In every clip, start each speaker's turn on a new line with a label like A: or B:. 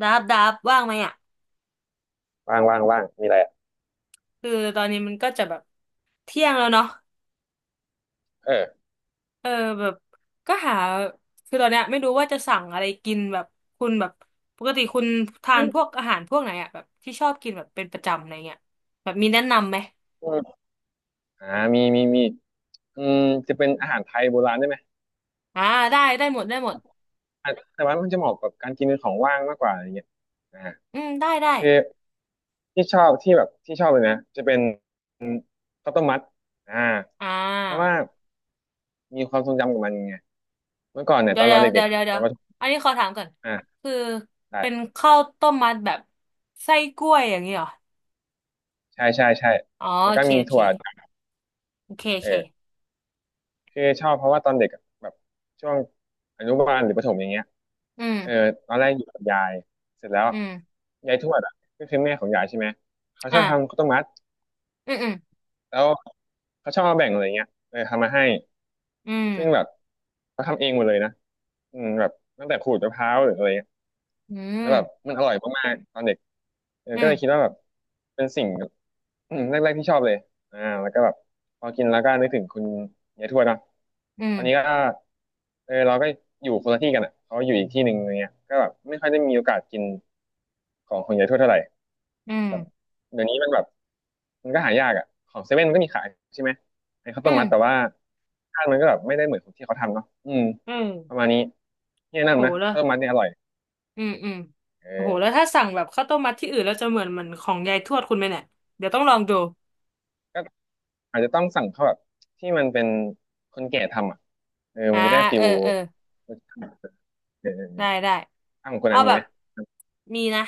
A: ดับดับว่างไหมอ่ะ
B: ว่างว่างว่างมีอะไรอ่ะ
A: คือตอนนี้มันก็จะแบบเที่ยงแล้วเนาะ
B: เออ
A: เออแบบก็หาคือตอนเนี้ยไม่รู้ว่าจะสั่งอะไรกินแบบคุณแบบปกติคุณทา
B: อ
A: น
B: ม
A: พวกอาหารพวกไหนอ่ะแบบที่ชอบกินแบบเป็นประจำอะไรเงี้ยแบบมีแนะนำไหม
B: ่ามีมีมีอืมจะเป็นอาหารไทยโบราณได้ไหม
A: อ่าได้ได้หมดได้หมด
B: อ่ะแต่ว่ามันจะเหมาะกับการกินเป็นของว่างมากกว่าอะไรเงี้ยอ่า
A: อืมได้ได้
B: คือที่ชอบที่แบบที่ชอบเลยนะจะเป็นข้าวต้มมัดอ่า
A: อ่
B: เพราะว่า
A: า
B: มีความทรงจำกับมันไงเมื่อก่อนเนี่ย
A: เดี๋
B: ต
A: ย
B: อ
A: ว
B: น
A: เดี๋
B: เรา
A: ยว
B: เด็
A: เดี๋ย
B: กๆ
A: ว
B: อะ
A: เดี๋ยว
B: ต
A: เดี๋
B: อ
A: ย
B: น
A: ว
B: ประถม
A: อันนี้ขอถามก่อน
B: อ่า
A: คือ
B: ได้
A: เป็นข้าวต้มมัดแบบไส้กล้วยอย่างนี้เหรอ
B: ใช่ใช่ใช่
A: อ๋อ
B: แล้ว
A: โอ
B: ก็
A: เค
B: มี
A: โอเค
B: ถั่ว
A: โอเคโอ
B: เออ
A: เค
B: คือชอบเพราะว่าตอนเด็กอะแบบช่วงอนุบาลหรือประถมอย่างเงี้ย
A: อื
B: เออ
A: ม
B: ตอนแรกอยู่กับยายเสร็จแล้ว
A: อืม
B: ยายทวดอ่ะก็คือแม่ของยายใช่ไหมเขาช
A: อ่ะ
B: อบทำข้าวต้มมัด
A: อืมอืม
B: แล้วเขาชอบมาแบ่งอะไรเงี้ยเออทำมาให้
A: อื
B: ซึ่งแบ
A: ม
B: บเขาทำเองหมดเลยนะอืมแบบตั้งแต่ขูดมะพร้าวหรืออะไร
A: อื
B: แล้วแบบ
A: ม
B: มันอร่อยมากๆตอนเด็กเออ
A: อื
B: ก็เลยคิด
A: ม
B: ว่าแบบเป็นสิ่งแบบอืมแรกๆที่ชอบเลยอ่าแล้วก็แบบพอกินแล้วก็นึกถึงคุณยายทวดเนอะ
A: อื
B: ตอนนี้ก็
A: ม
B: เออเราก็อยู่คนละที่กันอ่ะเขาอยู่อีกที่หนึ่งอะไรเงี้ยก็แบบไม่ค่อยได้มีโอกาสกินของคุณยายทวดเท่าไหร่
A: อืม
B: แบบเดี๋ยวนี้มันแบบมันก็หายากอ่ะของเซเว่นก็มีขายใช่ไหมไอ้ข้าว
A: อื
B: ต้ม
A: ม
B: มัดแต่ว่าค้านมันก็แบบไม่ได้เหมือนของที่เขาทำเนาะอืม
A: อื
B: ประ
A: ม
B: มาณนี้ที่แนะ
A: โห
B: นำนะ
A: แล้ว
B: ข้าวต้มมัดเนี่ยอร่อย
A: อืมอืมโอ้โห
B: เอ
A: แล้วถ้าสั่งแบบข้าวต้มมัดที่อื่นแล้วจะเหมือนของยายทวดคุณไหมเนี่ยเดี๋ยวต้องลองดู
B: อ อาจจะต้องสั่งเขาแบบที่มันเป็นคนแก่ทำอ่ะเออ
A: อ่า
B: มันจะได้ฟิ
A: เอ
B: ล
A: อเออ
B: รสชาติเออ
A: ได้ได้
B: อ้าวคน
A: เอา
B: นั้นมี
A: แบ
B: ไห
A: บ
B: ม
A: มีนะ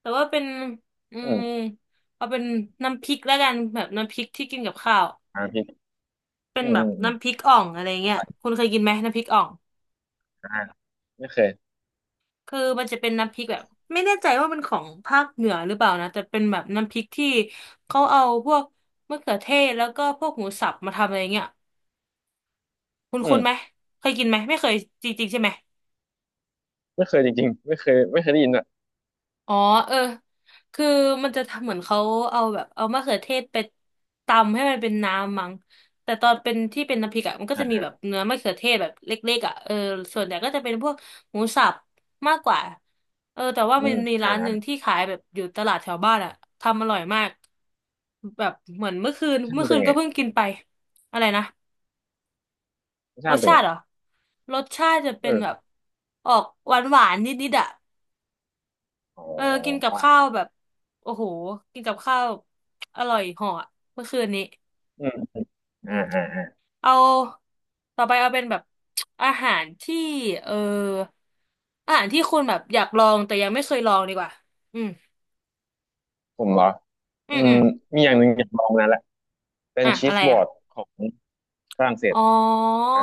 A: แต่ว่าเป็นอื
B: อื
A: ม
B: ม
A: เอาเป็นน้ำพริกแล้วกันแบบน้ำพริกที่กินกับข้าว
B: อ่าพี่
A: เป็น
B: อืม
A: แบ
B: อื
A: บ
B: มอืม
A: น้ำพริกอ่องอะไรเงี้ยคุณเคยกินไหมน้ำพริกอ่อง
B: อ่าไม่เคย
A: คือมันจะเป็นน้ำพริกแบบไม่แน่ใจว่ามันของภาคเหนือหรือเปล่านะแต่เป็นแบบน้ำพริกที่เขาเอาพวกมะเขือเทศแล้วก็พวกหมูสับมาทำอะไรเงี้ยคุณ
B: อื
A: คุณ
B: ม
A: ไหมเคยกินไหมไม่เคยจริงๆใช่ไหม
B: ไม่เคยจริงๆไม่เคยไม่เคยได้ยินอ่ะ
A: อ๋อเออคือมันจะทำเหมือนเขาเอามะเขือเทศไปตำให้มันเป็นน้ำมั้งแต่ตอนเป็นที่เป็นน้ำพริกอะมันก็จะ
B: อ่า
A: มีแบ
B: ฮะ
A: บเนื้อมะเขือเทศแบบเล็กๆอะเออส่วนใหญ่ก็จะเป็นพวกหมูสับมากกว่าเออแต่ว่า
B: อื
A: มัน
B: ม
A: มี
B: อ่า
A: ร้านหนึ่ง
B: อ่า
A: ที่ขายแบบอยู่ตลาดแถวบ้านอะทำอร่อยมากแบบเหมือนเมื่อคืน
B: รสชาติ
A: เมื่อ
B: มัน
A: คื
B: เป็น
A: นก็
B: ไง
A: เพิ่งกินไปอะไรนะ
B: รส
A: ร
B: ชา
A: ส
B: ติมันเป็น
A: ชา
B: ไง
A: ติเหรอรสชาติจะเป็
B: เอ
A: น
B: อ
A: แบบออกหวานๆนิดๆอะ
B: อ๋
A: เออกินกับ
B: อ
A: ข้าวแบบโอ้โหกินกับข้าวอร่อยเหาะเมื่อคืนนี้
B: อืมอม
A: อื
B: อ่า
A: ม
B: อ่าอ่า
A: เอาต่อไปเอาเป็นแบบอาหารที่เอออาหารที่คุณแบบอยากลองแต่ยังไม่เคยลองดีกว่าอืม
B: ผมเหรอ
A: อื
B: อื
A: มอื
B: ม
A: ม
B: มีอย่างหนึ่งอยากลองมานานละเป็น
A: อ่ะ
B: ชี
A: อะ
B: ส
A: ไร
B: บอ
A: อ่ะ
B: ร์ดของฝรั่งเศส
A: อ๋อ
B: อ่า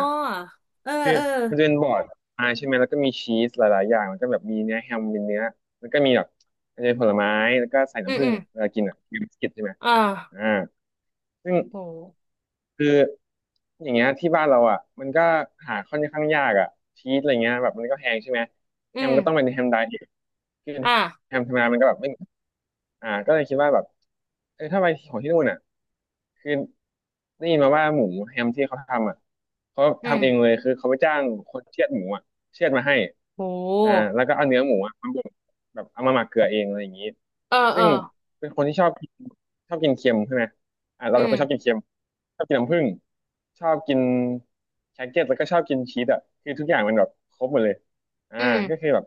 A: เออ
B: คือ
A: เออ
B: มันจะเป็นบอร์ดพายใช่ไหมแล้วก็มีชีสหลายๆอย่างแล้วก็แบบมีเนื้อแฮมเป็นเนื้อแล้วก็มีแบบอาจจะเป็นผลไม้แล้วก็ใส่
A: อืม
B: น้ำผึ้
A: อื
B: ง
A: ม
B: เวลากินอ่ะมีบิสกิตใช่ไหม
A: อ่า
B: อ่าซึ่ง
A: โห
B: คืออย่างเงี้ยที่บ้านเราอ่ะมันก็หาค่อนข้างยากอ่ะชีสอะไรเงี้ยแบบมันก็แพงใช่ไหม
A: อื
B: แฮมก็ต้องเป็น
A: ม
B: แฮมไดเอทคือ
A: อ่า
B: แฮมธรรมดามันก็แบบไม่อ่าก็เลยคิดว่าแบบเออถ้าไปของที่นู่นอ่ะคือได้ยินมาว่าหมูแฮมที่เขาทำอ่ะเขา
A: อืม
B: ทำเองเลยคือเขาไปจ้างคนเชือดหมูอ่ะเชือดมาให้
A: โ
B: อ่า
A: ห
B: แล้วก็เอาเนื้อหมูอ่ะมาบดแบบเอามาหมักเกลือเองอะไรอย่างงี้
A: เออเอ
B: ซึ่
A: อ
B: งเป็นคนที่ชอบกินชอบกินเค็มใช่ไหม อ่ะเรา
A: อื
B: เป็นคนชอบกิ
A: ม
B: นเค็มชอบกินน้ำผึ้งชอบกินแครกเก็ตแล้วก็ชอบกินชีสอ่ะคือทุกอย่างมันแบบครบหมดเลยอ่า
A: อืม
B: ก็คือแบบ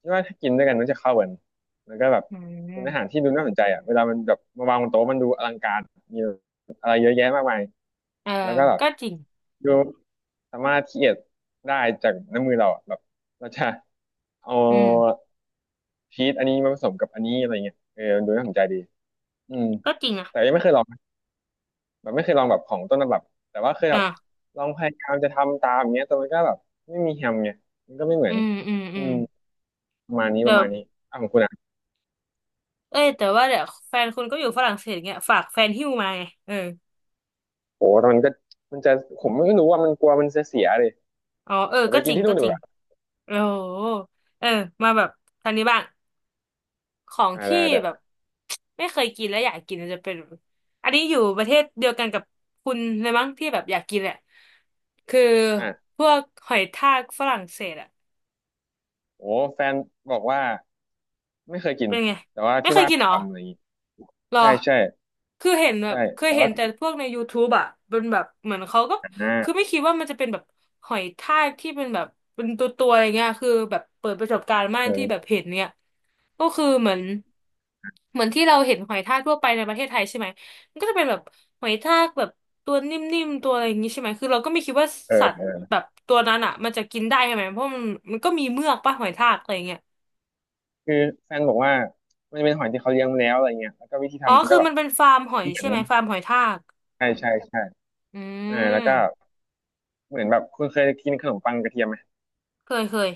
B: คิดว่าถ้ากินด้วยกันมันจะเข้ากันแล้วก็แบบ
A: อื
B: เป็นอาหาร
A: ม
B: ที่ดูน่าสนใจอ่ะเวลามันแบบมาวางบนโต๊ะมันดูอลังการมีอะไรเยอะแยะมากมาย
A: เออ
B: แล้วก็แบบ
A: ก็จริง
B: ดูสามารถคิดได้จากน้ำมือเราอะแบบเราจะเอา
A: อืม
B: ชีสอันนี้มาผสมกับอันนี้อะไรเงี้ยเออมันดูน่าสนใจดีอืม
A: ก็จริงอ่ะ
B: แต่ยังไม่เคยลอง แบบไม่เคยลองแบบของต้นฉบับแต่ว่าเคยแบบ
A: อ่า
B: ลองพยายามจะทำตามอย่างเงี้ยแต่มันก็แบบไม่มีแฮมไงมันก็ไม่เหมื
A: อื
B: อน
A: มอืม
B: อื
A: อืม
B: มประมาณนี้ป
A: เดี๋ย
B: ระ
A: ว
B: มาณนี้อ่ะของคุณอ่ะ
A: เอ้ยแต่ว่าเดี๋ยวแฟนคุณก็อยู่ฝรั่งเศสเงี้ยฝากแฟนหิ้วมาไงเออ
B: โหแต่มันก็มันจะผมไม่รู้ว่ามันกลัวมันจะเสียเลย
A: อ๋อเออ
B: เดี๋ยวไป
A: ก็จ
B: กิน
A: ริง
B: ที่
A: ก็
B: นู่นดี
A: จ
B: ก
A: ริง
B: ว่า
A: โอ้โหเออมาแบบทางนี้บ้างของ
B: อ่า
A: ที่
B: ได้ได้
A: แบบไม่เคยกินแล้วอยากกินมันจะเป็นอันนี้อยู่ประเทศเดียวกันกับคุณเลยมั้งที่แบบอยากกินแหละคือ
B: อ่ะ
A: พวกหอยทากฝรั่งเศสอะ
B: โอ้แฟนบอกว่าไม่เคยกิน
A: เป็นไง
B: แต่ว่า
A: ไม่
B: ที่
A: เคย
B: บ้าน
A: กิน
B: เค
A: เห
B: ย
A: รอ
B: ทำอะไรอย่างงี้
A: หรอ
B: ใช่ใช่
A: คือเห็นแบ
B: ใช่
A: บเคย
B: แต่
A: เห็น
B: ว่า
A: แต่พวกใน YouTube อ่ะเป็นแบบเหมือนเขาก็
B: อ่า
A: คือไม่คิดว่ามันจะเป็นแบบหอยทากที่เป็นแบบเป็นตัวอะไรเงี้ยคือแบบเปิดประสบการณ์มากที่แบบ
B: เออ
A: เห็นเนี่ยก็คือเหมือนที่เราเห็นหอยทากทั่วไปในประเทศไทยใช่ไหมมันก็จะเป็นแบบหอยทากแบบตัวนิ่มๆตัวอะไรอย่างงี้ใช่ไหมคือเราก็ไม่คิดว่าสัตว์
B: เออ
A: แบบตัวนั้นอ่ะมันจะกินได้ใช่ไหมเพราะมันก็มีเมือกป่ะหอยทากอะไรเงี้ย
B: คือแฟนบอกว่ามันเป็นหอยที่เขาเลี้ยงมาแล้วอะไรเงี้ยแล้วก็วิธี
A: อ๋อ
B: ทำ
A: คื
B: ก็
A: อ
B: แบบ
A: มันเป็นฟาร์มหอย
B: เหมือ
A: ใช่
B: น
A: ไหมฟาร์มหอยทาก
B: ใช่ใช่ใช่
A: อื
B: เออแล้วก็
A: ม
B: เหมือนแบบคุณเคยกินขนมปังกระเทียมไหม
A: เคยเคย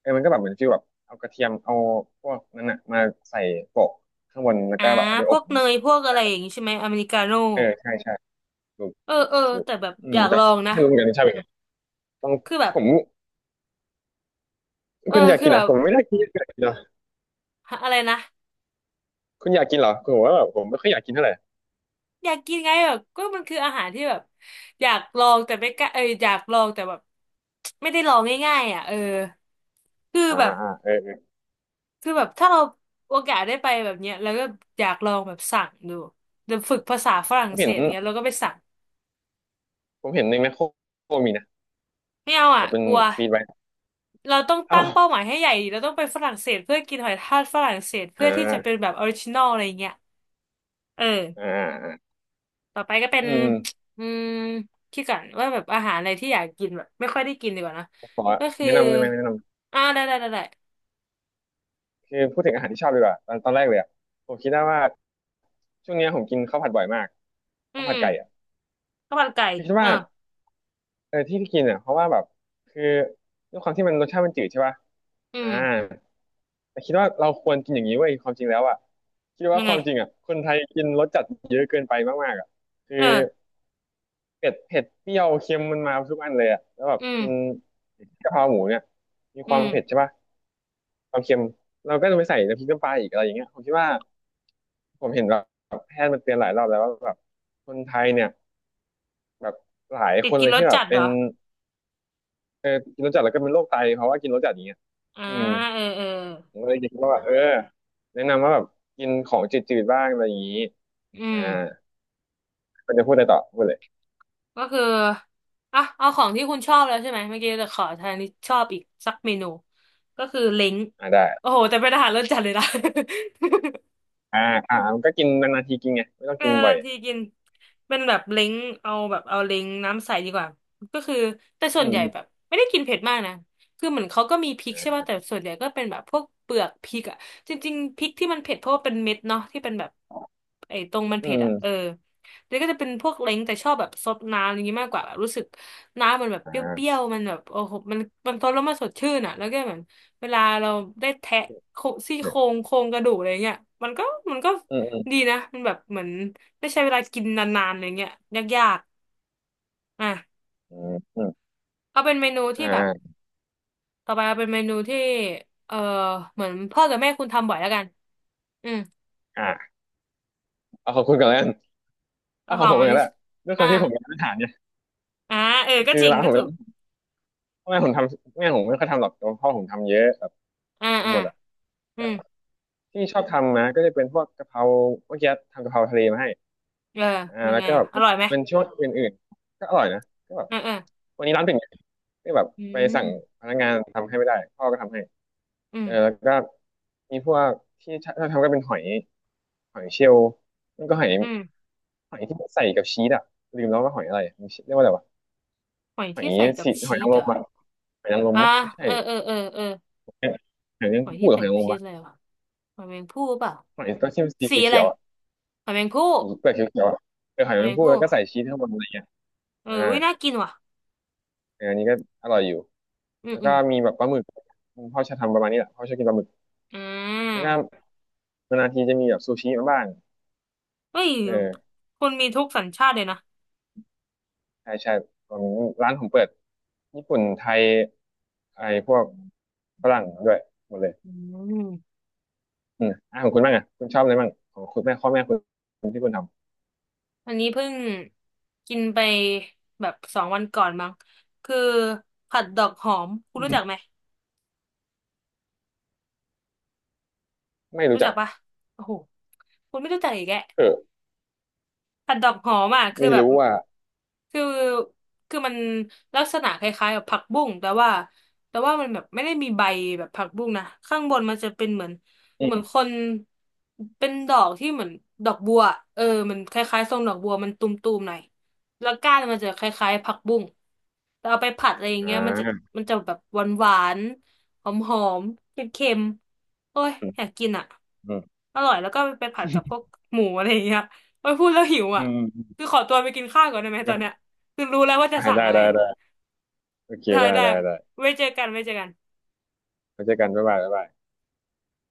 B: เออมันก็แบบเหมือนฟีลแบบเอากระเทียมเอาพวกนั้นอ่ะมาใส่โปะข้างบนแล้ว
A: อ่า
B: ก็แบบเอาไป
A: พ
B: อ
A: ว
B: บ
A: ก
B: มั้
A: เน
B: ง
A: ยพวกอะไรอย่างงี้ใช่ไหมอเมริกาโน่
B: เออใช่ใช่ถูก
A: เออเออ
B: ถูก
A: แต่แบบ
B: อื
A: อ
B: ม
A: ยาก
B: แต่
A: ลองนะ
B: ไม่รู้เหมือนกันใช่ไหมต้อง
A: คือแบบ
B: ผม
A: เออ
B: คุณอยาก
A: คือ
B: กินเห
A: แบ
B: รอ
A: บ
B: ผมไม่ได้กินอยากกินเหรอ
A: หาอะไรนะ
B: คุณอยากกินเหรอคือผมว่าแบบผมไม่ค่อยอยากกินเท่าไหร่
A: อยากกินไงแบบก็มันคืออาหารที่แบบอยากลองแต่ไม่กล้าเอออยากลองแต่แบบไม่ได้ลองง่ายๆอ่ะเออคือ
B: อ่า
A: แบบ
B: อ่าเออเออ
A: คือแบบถ้าเราโอกาสได้ไปแบบเนี้ยแล้วก็อยากลองแบบสั่งดูเดี๋ยวฝึกภาษาฝรั่
B: ผ
A: ง
B: ม
A: เศ
B: เห็น
A: สอย่างเงี้ยแล้วก็ไปสั่ง
B: ผมเห็นในแมคโครมีนะ
A: ไม่เอา
B: แบ
A: อ่ะ
B: บเป็น
A: กลัว
B: ฟีดไว้
A: เราต้อง
B: อ้า
A: ตั้ง
B: ว
A: เป้าหมายให้ใหญ่ดิเราต้องไปฝรั่งเศสเพื่อกินหอยทากฝรั่งเศส
B: อ่
A: เพื่อที่จะเป็น
B: า
A: แบบออริจินอลอะไรเงี้ยเออ
B: อ่าอ่า
A: ต่อไปก็เป็น
B: อืมอืม
A: อืมคิดก่อนว่าแบบอาหารอะไรที่อยากกินแบบไม่ค่อยได้กินดีกว่านะ
B: ขอ
A: ก็คือ
B: แนะนำได้ไหมแนะนำ
A: อ่าได้ได้ได้ได้
B: คือพูดถึงอาหารที่ชอบดีกว่าตอนแรกเลยอะผมคิดได้ว่าช่วงเนี้ยผมกินข้าวผัดบ่อยมาก
A: อื
B: ข้า
A: ม
B: วผั
A: อื
B: ด
A: ม
B: ไก่อ่ะ
A: ข้าวมันไก่
B: คือคิด
A: เออ
B: ว่าเออที่กินอ่ะเพราะว่าแบบคือด้วยความที่มันรสชาติมันจืดใช่ป่ะ
A: อื
B: อ่า
A: ม
B: แต่คิดว่าเราควรกินอย่างนี้เว้ยความจริงแล้วอ่ะคิดว่า
A: ยัง
B: ค
A: ไง
B: วามจริงอ่ะคนไทยกินรสจัดเยอะเกินไปมากๆอ่ะคือ
A: เออ
B: เผ็ดเปรี้ยวเค็มมันมาทุกอันเลยอ่ะแล้วแบบ
A: อื
B: กิน
A: ม
B: กะเพราหมูเนี่ยมีค
A: อื
B: วาม
A: ม
B: เผ็ดใช่ป่ะ ความเค็มเราก็จะไปใส่น้ำพริกน้ำปลาอีกอะไรอย่างเงี้ยผมคิดว่าผมเห็นแบบแพทย์มันเตือนหลายรอบแล้วว่าแบบคนไทยเนี่ยแบบหลาย
A: ติ
B: ค
A: ด
B: น
A: กิน
B: เลย
A: รส
B: ที่แบบ
A: จัดเห
B: เป็
A: ร
B: น
A: อ
B: เออกินรสจัดแล้วก็เป็นโรคไตเพราะว่ากินรสจัดอย่างเงี้ย
A: อ่า
B: อืม
A: เออเออ
B: ผมก็เลยคิดว่าแบบเออแนะนำว่าแบบกินของจืดๆบ้างอะไรอย่างงี้
A: อื
B: อ่า
A: ม
B: ก็จะพูดอะไรต่อพูดเลย
A: ก็คืออ่ะเอาของที่คุณชอบแล้วใช่ไหมเมื่อกี้จะขอทางที่ชอบอีกสักเมนู ก็คือเล้ง
B: อ่าได้
A: โอ้โหแต่เป็นอาหารรสจัดเลยนะ
B: อ่าอ่ามันก็กินนานๆทีกินไงไม่ต้อง
A: เป็น
B: กินบ่
A: นา
B: อย
A: นๆทีกินเป็นแบบเล้งเอาแบบเอาเล้งน้ำใสดีกว่าก็คือแต่ส่
B: อื
A: วนใหญ่แบบ
B: ม
A: ไม่ได้กินเผ็ดมากนะคือเหมือนเขาก็มีพริ
B: อื
A: กใช่ป่ะ
B: ม
A: แต่ส่วนใหญ่ก็เป็นแบบพวกเปลือกพริกอะจริงๆพริกที่มันเผ็ดเพราะว่าเป็นเม็ดเนาะที่เป็นแบบไอ้ตรงมัน
B: อื
A: เผ็ดอะเออ
B: ม
A: แล้วก็จะเป็นพวกเล้งแต่ชอบแบบซดน้ำอะไรอย่างงี้มากกว่าแบบรู้สึกน้ำมันแบบ
B: อ
A: เปรี้ย
B: ่า
A: วๆมันแบบโอ้โหมันซดแล้วมันสดชื่นอะแล้วก็เหมือนเวลาเราได้แทะโคซี่โครงโครงกระดูกอะไรเงี้ยมันก็มันก็
B: อืมอืม
A: ดีนะมันแบบเหมือนไม่ใช่เวลากินนานๆอะไรเงี้ยยากๆอ่ะ
B: อืมอืม
A: เอาเป็นเมนู
B: อมอ่
A: ที่แบบ
B: า
A: ต่อไปเอาเป็นเมนูที่เออเหมือนพ่อกับแม่คุณทำบ่อยแล้วกันอืม
B: อ่าเอาขอบคุณก่อนแล้วกัน
A: แล้
B: อ้า
A: วข
B: ว
A: อ
B: ผ
A: ง
B: มเห
A: อั
B: มือ
A: น
B: งนกัน
A: นี้
B: แหละด้วยค
A: อ่า
B: วามที่ผมเป็นร้านอาหารเนี่ย
A: อ่าเออก็
B: คือ
A: จริง
B: ร้าน
A: ก็
B: ผมเป็
A: ถู
B: น
A: ก
B: ร้านแม่ผมทำแม่ผมไม่ค่อยทำหรอกแต่ว่าพ่อผมทำเยอะแบบ
A: อ่า
B: ทำ
A: อ่า
B: หมดอะ
A: อื
B: แต่
A: ม
B: ที่ชอบทำนะก็จะเป็นพวกกะเพราเมื่อกี้ทำกะเพราทะเลมาให้
A: เออเป็น
B: แล้ว
A: ไง
B: ก็
A: อ่ะ
B: แบบ
A: อร่อยไหม
B: เป็นช่วงอื่นๆก็อร่อยนะก็แบบ
A: เออเออ
B: วันนี้ร้านปิดไงก็แบบ
A: อื
B: ไปสั่ง
A: ม
B: พนักงานทำให้ไม่ได้พ่อก็ทำให้
A: อื
B: เอ
A: ม
B: อแล้วก็มีพวกที่ชอบทำก็เป็นหอยหอยเชลล์มันก็หอย
A: อืม
B: หอยที่ใส่กับชีสอะลืมแล้วว่าหอยอะไรมันเรียกว่าอะไรวะ
A: หอย
B: หอ
A: ที่
B: ย
A: ใส่กับ
B: สีหอ
A: ชี
B: ยนา
A: ส
B: งร
A: เหร
B: ม
A: อ
B: อะ หอยนางรม
A: อ่า
B: ปะไม่ใช่
A: เออเออเออเออ
B: หอยนางร
A: ห
B: ม
A: อย
B: พู
A: ที่
B: ดหรือ
A: ใส่
B: หอยนา
A: กับ
B: งรม
A: ชีส
B: ปะ
A: อะไรวะหอยแมงภู่เปล่า
B: หอยต้องชิมนสี
A: สีอะไร
B: เขียวๆอ่ะ
A: หอยแมงภู่
B: สีเปลือกเขียวๆอ่ะเออหอย
A: หอย
B: นาง
A: แม
B: รม
A: ง
B: พูด
A: ภู่
B: แล้วก็ใส่ชีสข้างบนอะไรเงี้ย
A: เอ
B: อ่า
A: อวิน่ากินว่ะ
B: เอออันนี้ก็อร่อยอยู่
A: อืม
B: แล้ว
A: อื
B: ก็
A: ม
B: มีแบบปลาหมึกพ่อชอบทำประมาณนี้แหละพ่อชอบกินปลาหมึก
A: อ่
B: ก็
A: า
B: นานๆทีจะมีแบบซูชิมาบ้าง
A: เฮ้ย
B: เออ
A: คนมีทุกสัญชาติเลยนะ
B: ใช่ใช่ผมร้านผมเปิดญี่ปุ่นไทยไอ้พวกฝรั่งด้วยหมดเลย
A: อืม
B: อืมอ่ะของคุณบ้างอ่ะคุณชอบอะไรบ้างของคุณแม่พ่อแม่คุณที่คุณท
A: อันนี้เพิ่งกินไปแบบสองวันก่อนมั้งคือผัดดอกหอมคุ
B: ำ
A: ณ
B: อื
A: รู้จัก
B: ม
A: ไหม
B: ไม่รู้
A: รู้จั
B: จั
A: ก
B: ก
A: ปะโอ้โหคุณไม่รู้จักอีกแก
B: เออ
A: ผัดดอกหอมอ่ะคือ
B: ไม่
A: แบบ
B: รู้ว่า
A: คือคือมันลักษณะคล้ายๆกับผักบุ้งแต่ว่าแต่ว่ามันแบบไม่ได้มีใบแบบผักบุ้งนะข้างบนมันจะเป็นเหมือน
B: อื
A: เหมือนค
B: ม
A: นเป็นดอกที่เหมือนดอกบัวเออมันคล้ายๆทรงดอกบัวมันตุมๆหน่อยแล้วก้านมันจะคล้ายๆผักบุ้งแต่เอาไปผัดอะไรอย่าง
B: อ่
A: เงี้ยมันจะ
B: า
A: แบบหวานๆหอมๆเค็มๆโอ้ยอยากกินอ่ะ
B: อืม
A: อร่อยแล้วก็ไปผัดกับพวกหมูอะไรอย่างเงี้ย โอ้ยพูดแล้วหิว
B: อื
A: อ่ะ
B: มอืม
A: คือขอตัวไปกินข้าวก่อนได้ไหม
B: แล้ว
A: ต
B: ก็
A: อนเนี้ยคือรู้แล้วว่าจะสั่ง
B: ได้
A: อะไร
B: ได้ได้โอเค
A: ได้
B: ได้
A: ได้
B: ได้ได้
A: ไว้เจอกันไว้เจอกัน
B: ไว้เจอกันบ๊ายบายบ๊ายบาย